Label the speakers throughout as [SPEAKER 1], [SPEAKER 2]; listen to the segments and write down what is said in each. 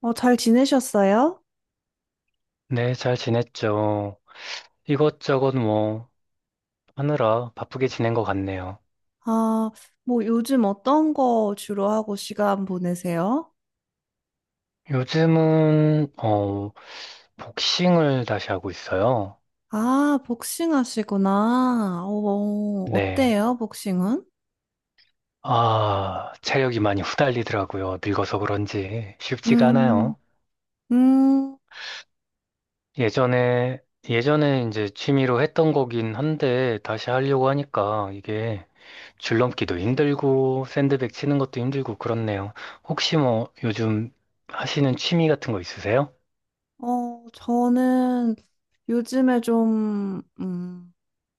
[SPEAKER 1] 어, 잘 지내셨어요?
[SPEAKER 2] 네, 잘 지냈죠. 이것저것 뭐 하느라 바쁘게 지낸 것 같네요.
[SPEAKER 1] 아, 뭐 요즘 어떤 거 주로 하고 시간 보내세요?
[SPEAKER 2] 요즘은 복싱을 다시 하고 있어요.
[SPEAKER 1] 아, 복싱 하시구나. 어,
[SPEAKER 2] 네.
[SPEAKER 1] 어때요, 복싱은?
[SPEAKER 2] 아, 체력이 많이 후달리더라고요. 늙어서 그런지 쉽지가
[SPEAKER 1] 음.
[SPEAKER 2] 않아요.
[SPEAKER 1] 음.
[SPEAKER 2] 예전에 예전에 이제 취미로 했던 거긴 한데 다시 하려고 하니까 이게 줄넘기도 힘들고 샌드백 치는 것도 힘들고 그렇네요. 혹시 뭐 요즘 하시는 취미 같은 거 있으세요?
[SPEAKER 1] 저는 요즘에 좀,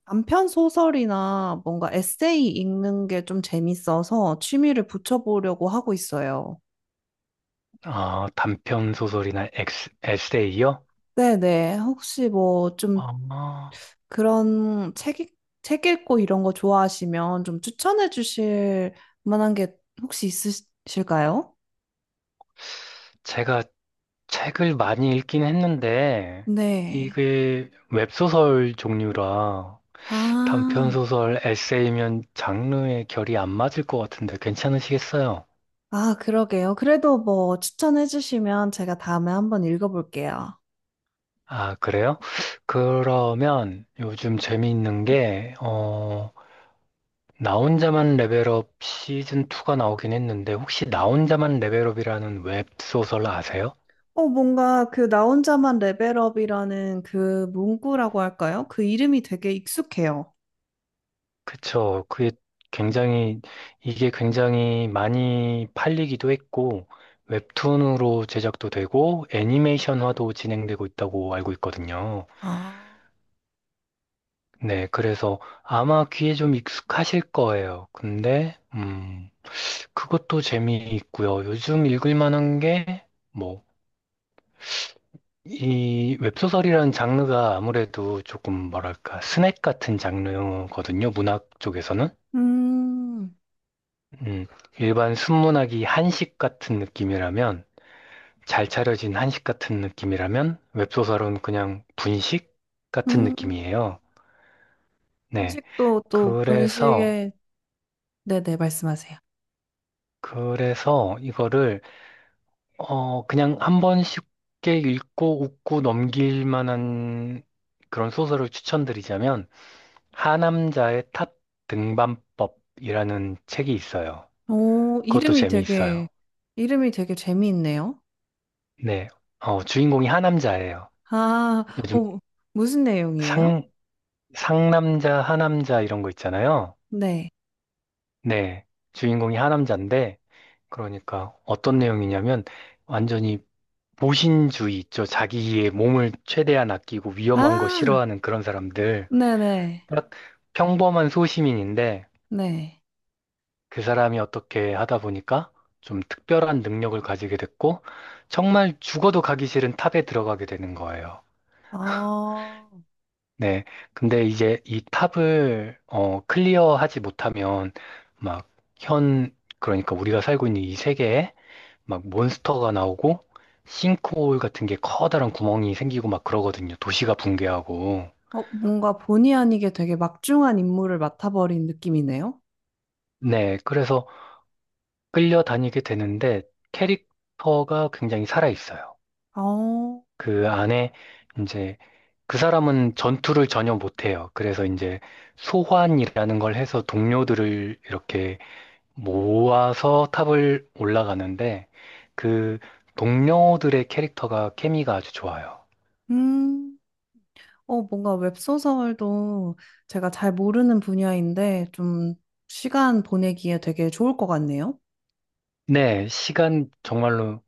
[SPEAKER 1] 단편 소설이나 뭔가 에세이 읽는 게 좀 재밌어서 취미를 붙여보려고 하고 있어요.
[SPEAKER 2] 아, 단편 소설이나 에세이요?
[SPEAKER 1] 네네. 혹시 뭐좀
[SPEAKER 2] 아,
[SPEAKER 1] 그런 책, 책 읽고 이런 거 좋아하시면 좀 추천해 주실 만한 게 혹시 있으실까요?
[SPEAKER 2] 제가 책을 많이 읽긴 했는데,
[SPEAKER 1] 네.
[SPEAKER 2] 이게 웹소설 종류라 단편
[SPEAKER 1] 아,
[SPEAKER 2] 소설, 에세이면 장르의 결이 안 맞을 것 같은데 괜찮으시겠어요?
[SPEAKER 1] 아, 그러게요. 그래도 뭐 추천해 주시면 제가 다음에 한번 읽어볼게요.
[SPEAKER 2] 아, 그래요? 그러면 요즘 재미있는 게, 나 혼자만 레벨업 시즌 2가 나오긴 했는데, 혹시 나 혼자만 레벨업이라는 웹소설 아세요?
[SPEAKER 1] 뭔가 그 나 혼자만 레벨업이라는 그 문구라고 할까요? 그 이름이 되게 익숙해요.
[SPEAKER 2] 그쵸. 굉장히, 이게 굉장히 많이 팔리기도 했고, 웹툰으로 제작도 되고, 애니메이션화도 진행되고 있다고 알고 있거든요.
[SPEAKER 1] 아.
[SPEAKER 2] 네, 그래서 아마 귀에 좀 익숙하실 거예요. 근데, 그것도 재미있고요. 요즘 읽을 만한 게, 뭐, 이 웹소설이라는 장르가 아무래도 조금 뭐랄까, 스낵 같은 장르거든요. 문학 쪽에서는.
[SPEAKER 1] 음.
[SPEAKER 2] 음, 일반 순문학이 한식 같은 느낌이라면, 잘 차려진 한식 같은 느낌이라면, 웹소설은 그냥 분식 같은
[SPEAKER 1] 음.
[SPEAKER 2] 느낌이에요. 네.
[SPEAKER 1] 분식도 또
[SPEAKER 2] 그래서,
[SPEAKER 1] 분식에, 네네, 말씀하세요.
[SPEAKER 2] 그래서 이거를, 그냥 한번 쉽게 읽고 웃고 넘길 만한 그런 소설을 추천드리자면, 하남자의 탑 등반법이라는 책이 있어요.
[SPEAKER 1] 오,
[SPEAKER 2] 그것도 재미있어요.
[SPEAKER 1] 이름이 되게 재미있네요.
[SPEAKER 2] 네. 주인공이 하남자예요.
[SPEAKER 1] 아,
[SPEAKER 2] 요즘
[SPEAKER 1] 어, 무슨 내용이에요?
[SPEAKER 2] 상, 상남자, 하남자 이런 거 있잖아요.
[SPEAKER 1] 네.
[SPEAKER 2] 네. 주인공이 하남자인데, 그러니까 어떤 내용이냐면, 완전히 보신주의 있죠. 자기의 몸을 최대한 아끼고 위험한 거
[SPEAKER 1] 아,
[SPEAKER 2] 싫어하는 그런 사람들.
[SPEAKER 1] 네네.
[SPEAKER 2] 딱 평범한 소시민인데,
[SPEAKER 1] 네.
[SPEAKER 2] 그 사람이 어떻게 하다 보니까 좀 특별한 능력을 가지게 됐고, 정말 죽어도 가기 싫은 탑에 들어가게 되는 거예요.
[SPEAKER 1] 아,
[SPEAKER 2] 네. 근데 이제 이 탑을 클리어하지 못하면 막 그러니까 우리가 살고 있는 이 세계에 막 몬스터가 나오고 싱크홀 같은 게 커다란 구멍이 생기고 막 그러거든요. 도시가 붕괴하고.
[SPEAKER 1] 뭔가 본의 아니게 되게 막중한 인물을 맡아버린 느낌이네요.
[SPEAKER 2] 네. 그래서 끌려다니게 되는데 캐릭터가 굉장히 살아있어요.
[SPEAKER 1] 어,
[SPEAKER 2] 그 안에 이제 그 사람은 전투를 전혀 못해요. 그래서 이제 소환이라는 걸 해서 동료들을 이렇게 모아서 탑을 올라가는데 그 동료들의 캐릭터가 케미가 아주 좋아요.
[SPEAKER 1] 음, 뭔가 웹소설도 제가 잘 모르는 분야인데 좀 시간 보내기에 되게 좋을 것 같네요.
[SPEAKER 2] 네, 시간 정말로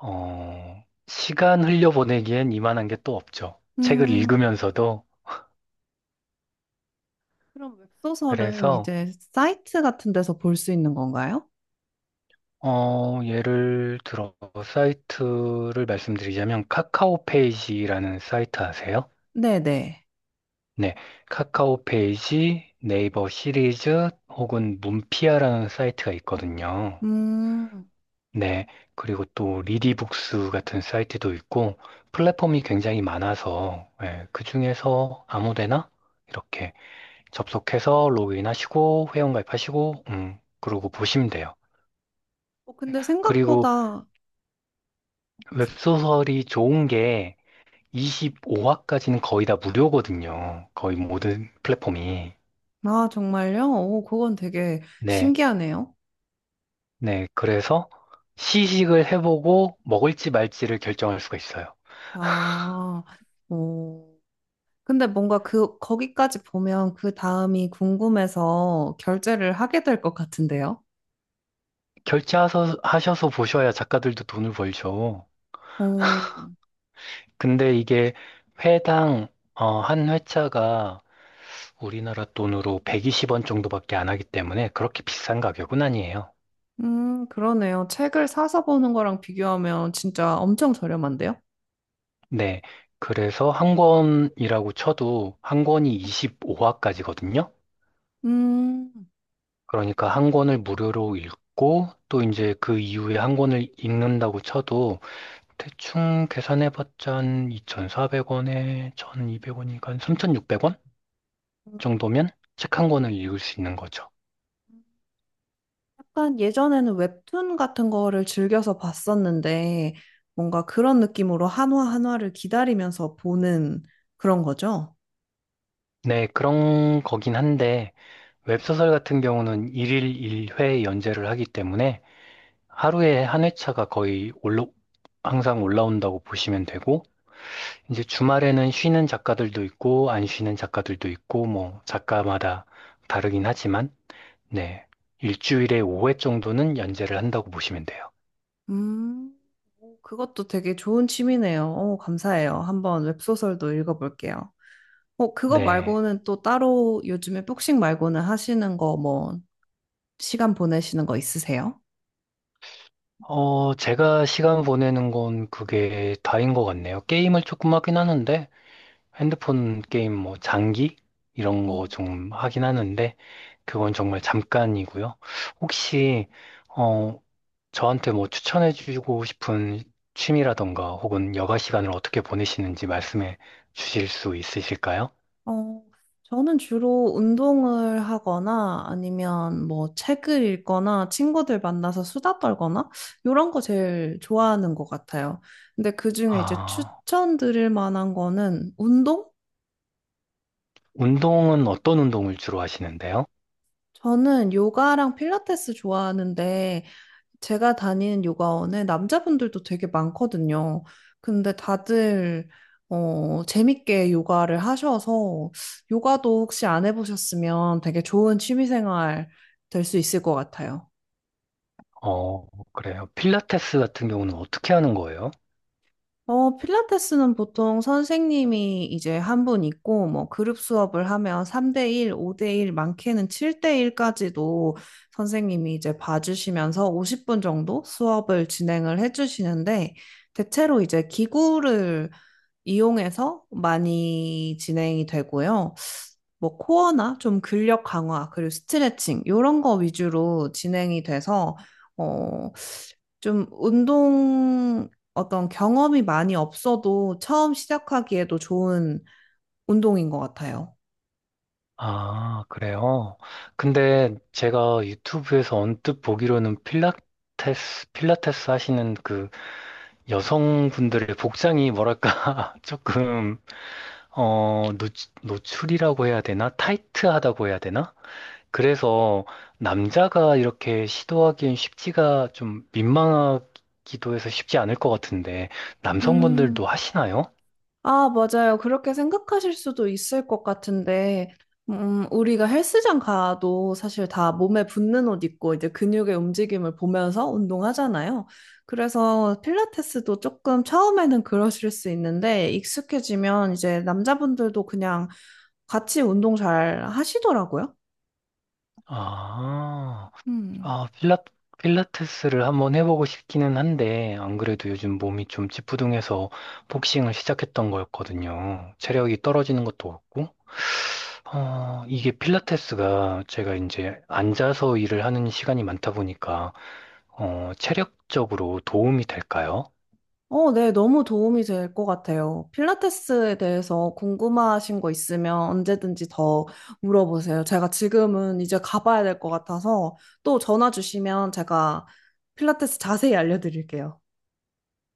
[SPEAKER 2] 어, 시간 흘려보내기엔 이만한 게 또 없죠. 책을
[SPEAKER 1] 음,
[SPEAKER 2] 읽으면서도.
[SPEAKER 1] 그럼 웹소설은
[SPEAKER 2] 그래서
[SPEAKER 1] 이제 사이트 같은 데서 볼 수 있는 건가요?
[SPEAKER 2] 예를 들어 사이트를 말씀드리자면 카카오 페이지라는 사이트 아세요?
[SPEAKER 1] 네네.
[SPEAKER 2] 네, 카카오 페이지, 네이버 시리즈 혹은 문피아라는 사이트가 있거든요.
[SPEAKER 1] 음.
[SPEAKER 2] 네. 그리고 또 리디북스 같은 사이트도 있고 플랫폼이 굉장히 많아서 예, 그중에서 아무데나 이렇게 접속해서 로그인하시고 회원가입하시고 그러고 보시면 돼요.
[SPEAKER 1] 근데
[SPEAKER 2] 그리고
[SPEAKER 1] 생각보다,
[SPEAKER 2] 웹소설이 좋은 게 25화까지는 거의 다 무료거든요. 거의 모든 플랫폼이.
[SPEAKER 1] 아, 정말요? 오, 그건 되게
[SPEAKER 2] 네.
[SPEAKER 1] 신기하네요.
[SPEAKER 2] 네. 그래서 시식을 해보고 먹을지 말지를 결정할 수가 있어요.
[SPEAKER 1] 아. 오. 근데 뭔가 그, 거기까지 보면 그 다음이 궁금해서 결제를 하게 될 것 같은데요?
[SPEAKER 2] 결제하셔서 하셔서 보셔야 작가들도 돈을 벌죠.
[SPEAKER 1] 오,
[SPEAKER 2] 근데 이게 회당 한 회차가 우리나라 돈으로 120원 정도밖에 안 하기 때문에 그렇게 비싼 가격은 아니에요.
[SPEAKER 1] 그러네요. 책을 사서 보는 거랑 비교하면 진짜 엄청 저렴한데요?
[SPEAKER 2] 네. 그래서 한 권이라고 쳐도 한 권이 25화까지거든요.
[SPEAKER 1] 음.
[SPEAKER 2] 그러니까 한 권을 무료로 읽고 또 이제 그 이후에 한 권을 읽는다고 쳐도 대충 계산해봤자 한 2,400원에 1,200원이니까 3,600원 정도면 책 한 권을 읽을 수 있는 거죠.
[SPEAKER 1] 약간 예전에는 웹툰 같은 거를 즐겨서 봤었는데 뭔가 그런 느낌으로 한화 한화를 기다리면서 보는 그런 거죠?
[SPEAKER 2] 네, 그런 거긴 한데 웹소설 같은 경우는 일일 일회 연재를 하기 때문에 하루에 한 회차가 거의 올라, 항상 올라온다고 보시면 되고, 이제 주말에는 쉬는 작가들도 있고, 안 쉬는 작가들도 있고, 뭐, 작가마다 다르긴 하지만, 네. 일주일에 5회 정도는 연재를 한다고 보시면 돼요.
[SPEAKER 1] 음, 오, 그것도 되게 좋은 취미네요. 오, 감사해요. 한번 웹소설도 읽어볼게요. 그거
[SPEAKER 2] 네.
[SPEAKER 1] 말고는 또 따로 요즘에 복싱 말고는 하시는 거 뭐 시간 보내시는 거 있으세요?
[SPEAKER 2] 제가 시간 보내는 건 그게 다인 것 같네요. 게임을 조금 하긴 하는데, 핸드폰 게임 뭐, 장기? 이런 거 좀 하긴 하는데, 그건 정말 잠깐이고요. 혹시, 어, 저한테 뭐 추천해주고 싶은 취미라던가 혹은 여가 시간을 어떻게 보내시는지 말씀해 주실 수 있으실까요?
[SPEAKER 1] 어, 저는 주로 운동을 하거나 아니면 뭐 책을 읽거나 친구들 만나서 수다 떨거나 이런 거 제일 좋아하는 것 같아요. 근데 그중에 이제
[SPEAKER 2] 아,
[SPEAKER 1] 추천드릴 만한 거는 운동?
[SPEAKER 2] 운동은 어떤 운동을 주로 하시는데요?
[SPEAKER 1] 저는 요가랑 필라테스 좋아하는데 제가 다니는 요가원에 남자분들도 되게 많거든요. 근데 다들 재밌게 요가를 하셔서 요가도 혹시 안 해보셨으면 되게 좋은 취미생활 될 수 있을 것 같아요.
[SPEAKER 2] 어, 그래요. 필라테스 같은 경우는 어떻게 하는 거예요?
[SPEAKER 1] 필라테스는 보통 선생님이 이제 한 분 있고 뭐 그룹 수업을 하면 3대1, 5대1, 많게는 7대1까지도 선생님이 이제 봐주시면서 50분 정도 수업을 진행을 해주시는데 대체로 이제 기구를 이용해서 많이 진행이 되고요. 뭐 코어나 좀 근력 강화, 그리고 스트레칭 이런 거 위주로 진행이 돼서 어, 좀 운동 어떤 경험이 많이 없어도 처음 시작하기에도 좋은 운동인 것 같아요.
[SPEAKER 2] 아, 그래요. 근데 제가 유튜브에서 언뜻 보기로는 필라테스 하시는 그 여성분들의 복장이 뭐랄까, 조금 어, 노, 노출이라고 해야 되나? 타이트하다고 해야 되나? 그래서 남자가 이렇게 시도하기엔 쉽지가 좀 민망하기도 해서 쉽지 않을 것 같은데,
[SPEAKER 1] 음,
[SPEAKER 2] 남성분들도 하시나요?
[SPEAKER 1] 아, 맞아요. 그렇게 생각하실 수도 있을 것 같은데, 우리가 헬스장 가도 사실 다 몸에 붙는 옷 입고 이제 근육의 움직임을 보면서 운동하잖아요. 그래서 필라테스도 조금 처음에는 그러실 수 있는데, 익숙해지면 이제 남자분들도 그냥 같이 운동 잘 하시더라고요.
[SPEAKER 2] 아,
[SPEAKER 1] 음.
[SPEAKER 2] 아, 필라테스를 한번 해보고 싶기는 한데, 안 그래도 요즘 몸이 좀 찌뿌둥해서 복싱을 시작했던 거였거든요. 체력이 떨어지는 것도 없고, 이게 필라테스가 제가 이제 앉아서 일을 하는 시간이 많다 보니까, 체력적으로 도움이 될까요?
[SPEAKER 1] 네, 너무 도움이 될 것 같아요. 필라테스에 대해서 궁금하신 거 있으면 언제든지 더 물어보세요. 제가 지금은 이제 가봐야 될 것 같아서 또 전화 주시면 제가 필라테스 자세히 알려드릴게요.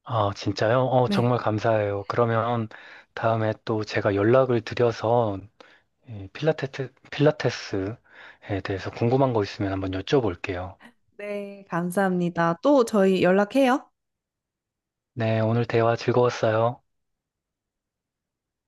[SPEAKER 2] 아, 진짜요?
[SPEAKER 1] 네.
[SPEAKER 2] 정말 감사해요. 그러면 다음에 또 제가 연락을 드려서 이 필라테스에 대해서 궁금한 거 있으면 한번 여쭤볼게요.
[SPEAKER 1] 네, 감사합니다. 또 저희 연락해요.
[SPEAKER 2] 네, 오늘 대화 즐거웠어요.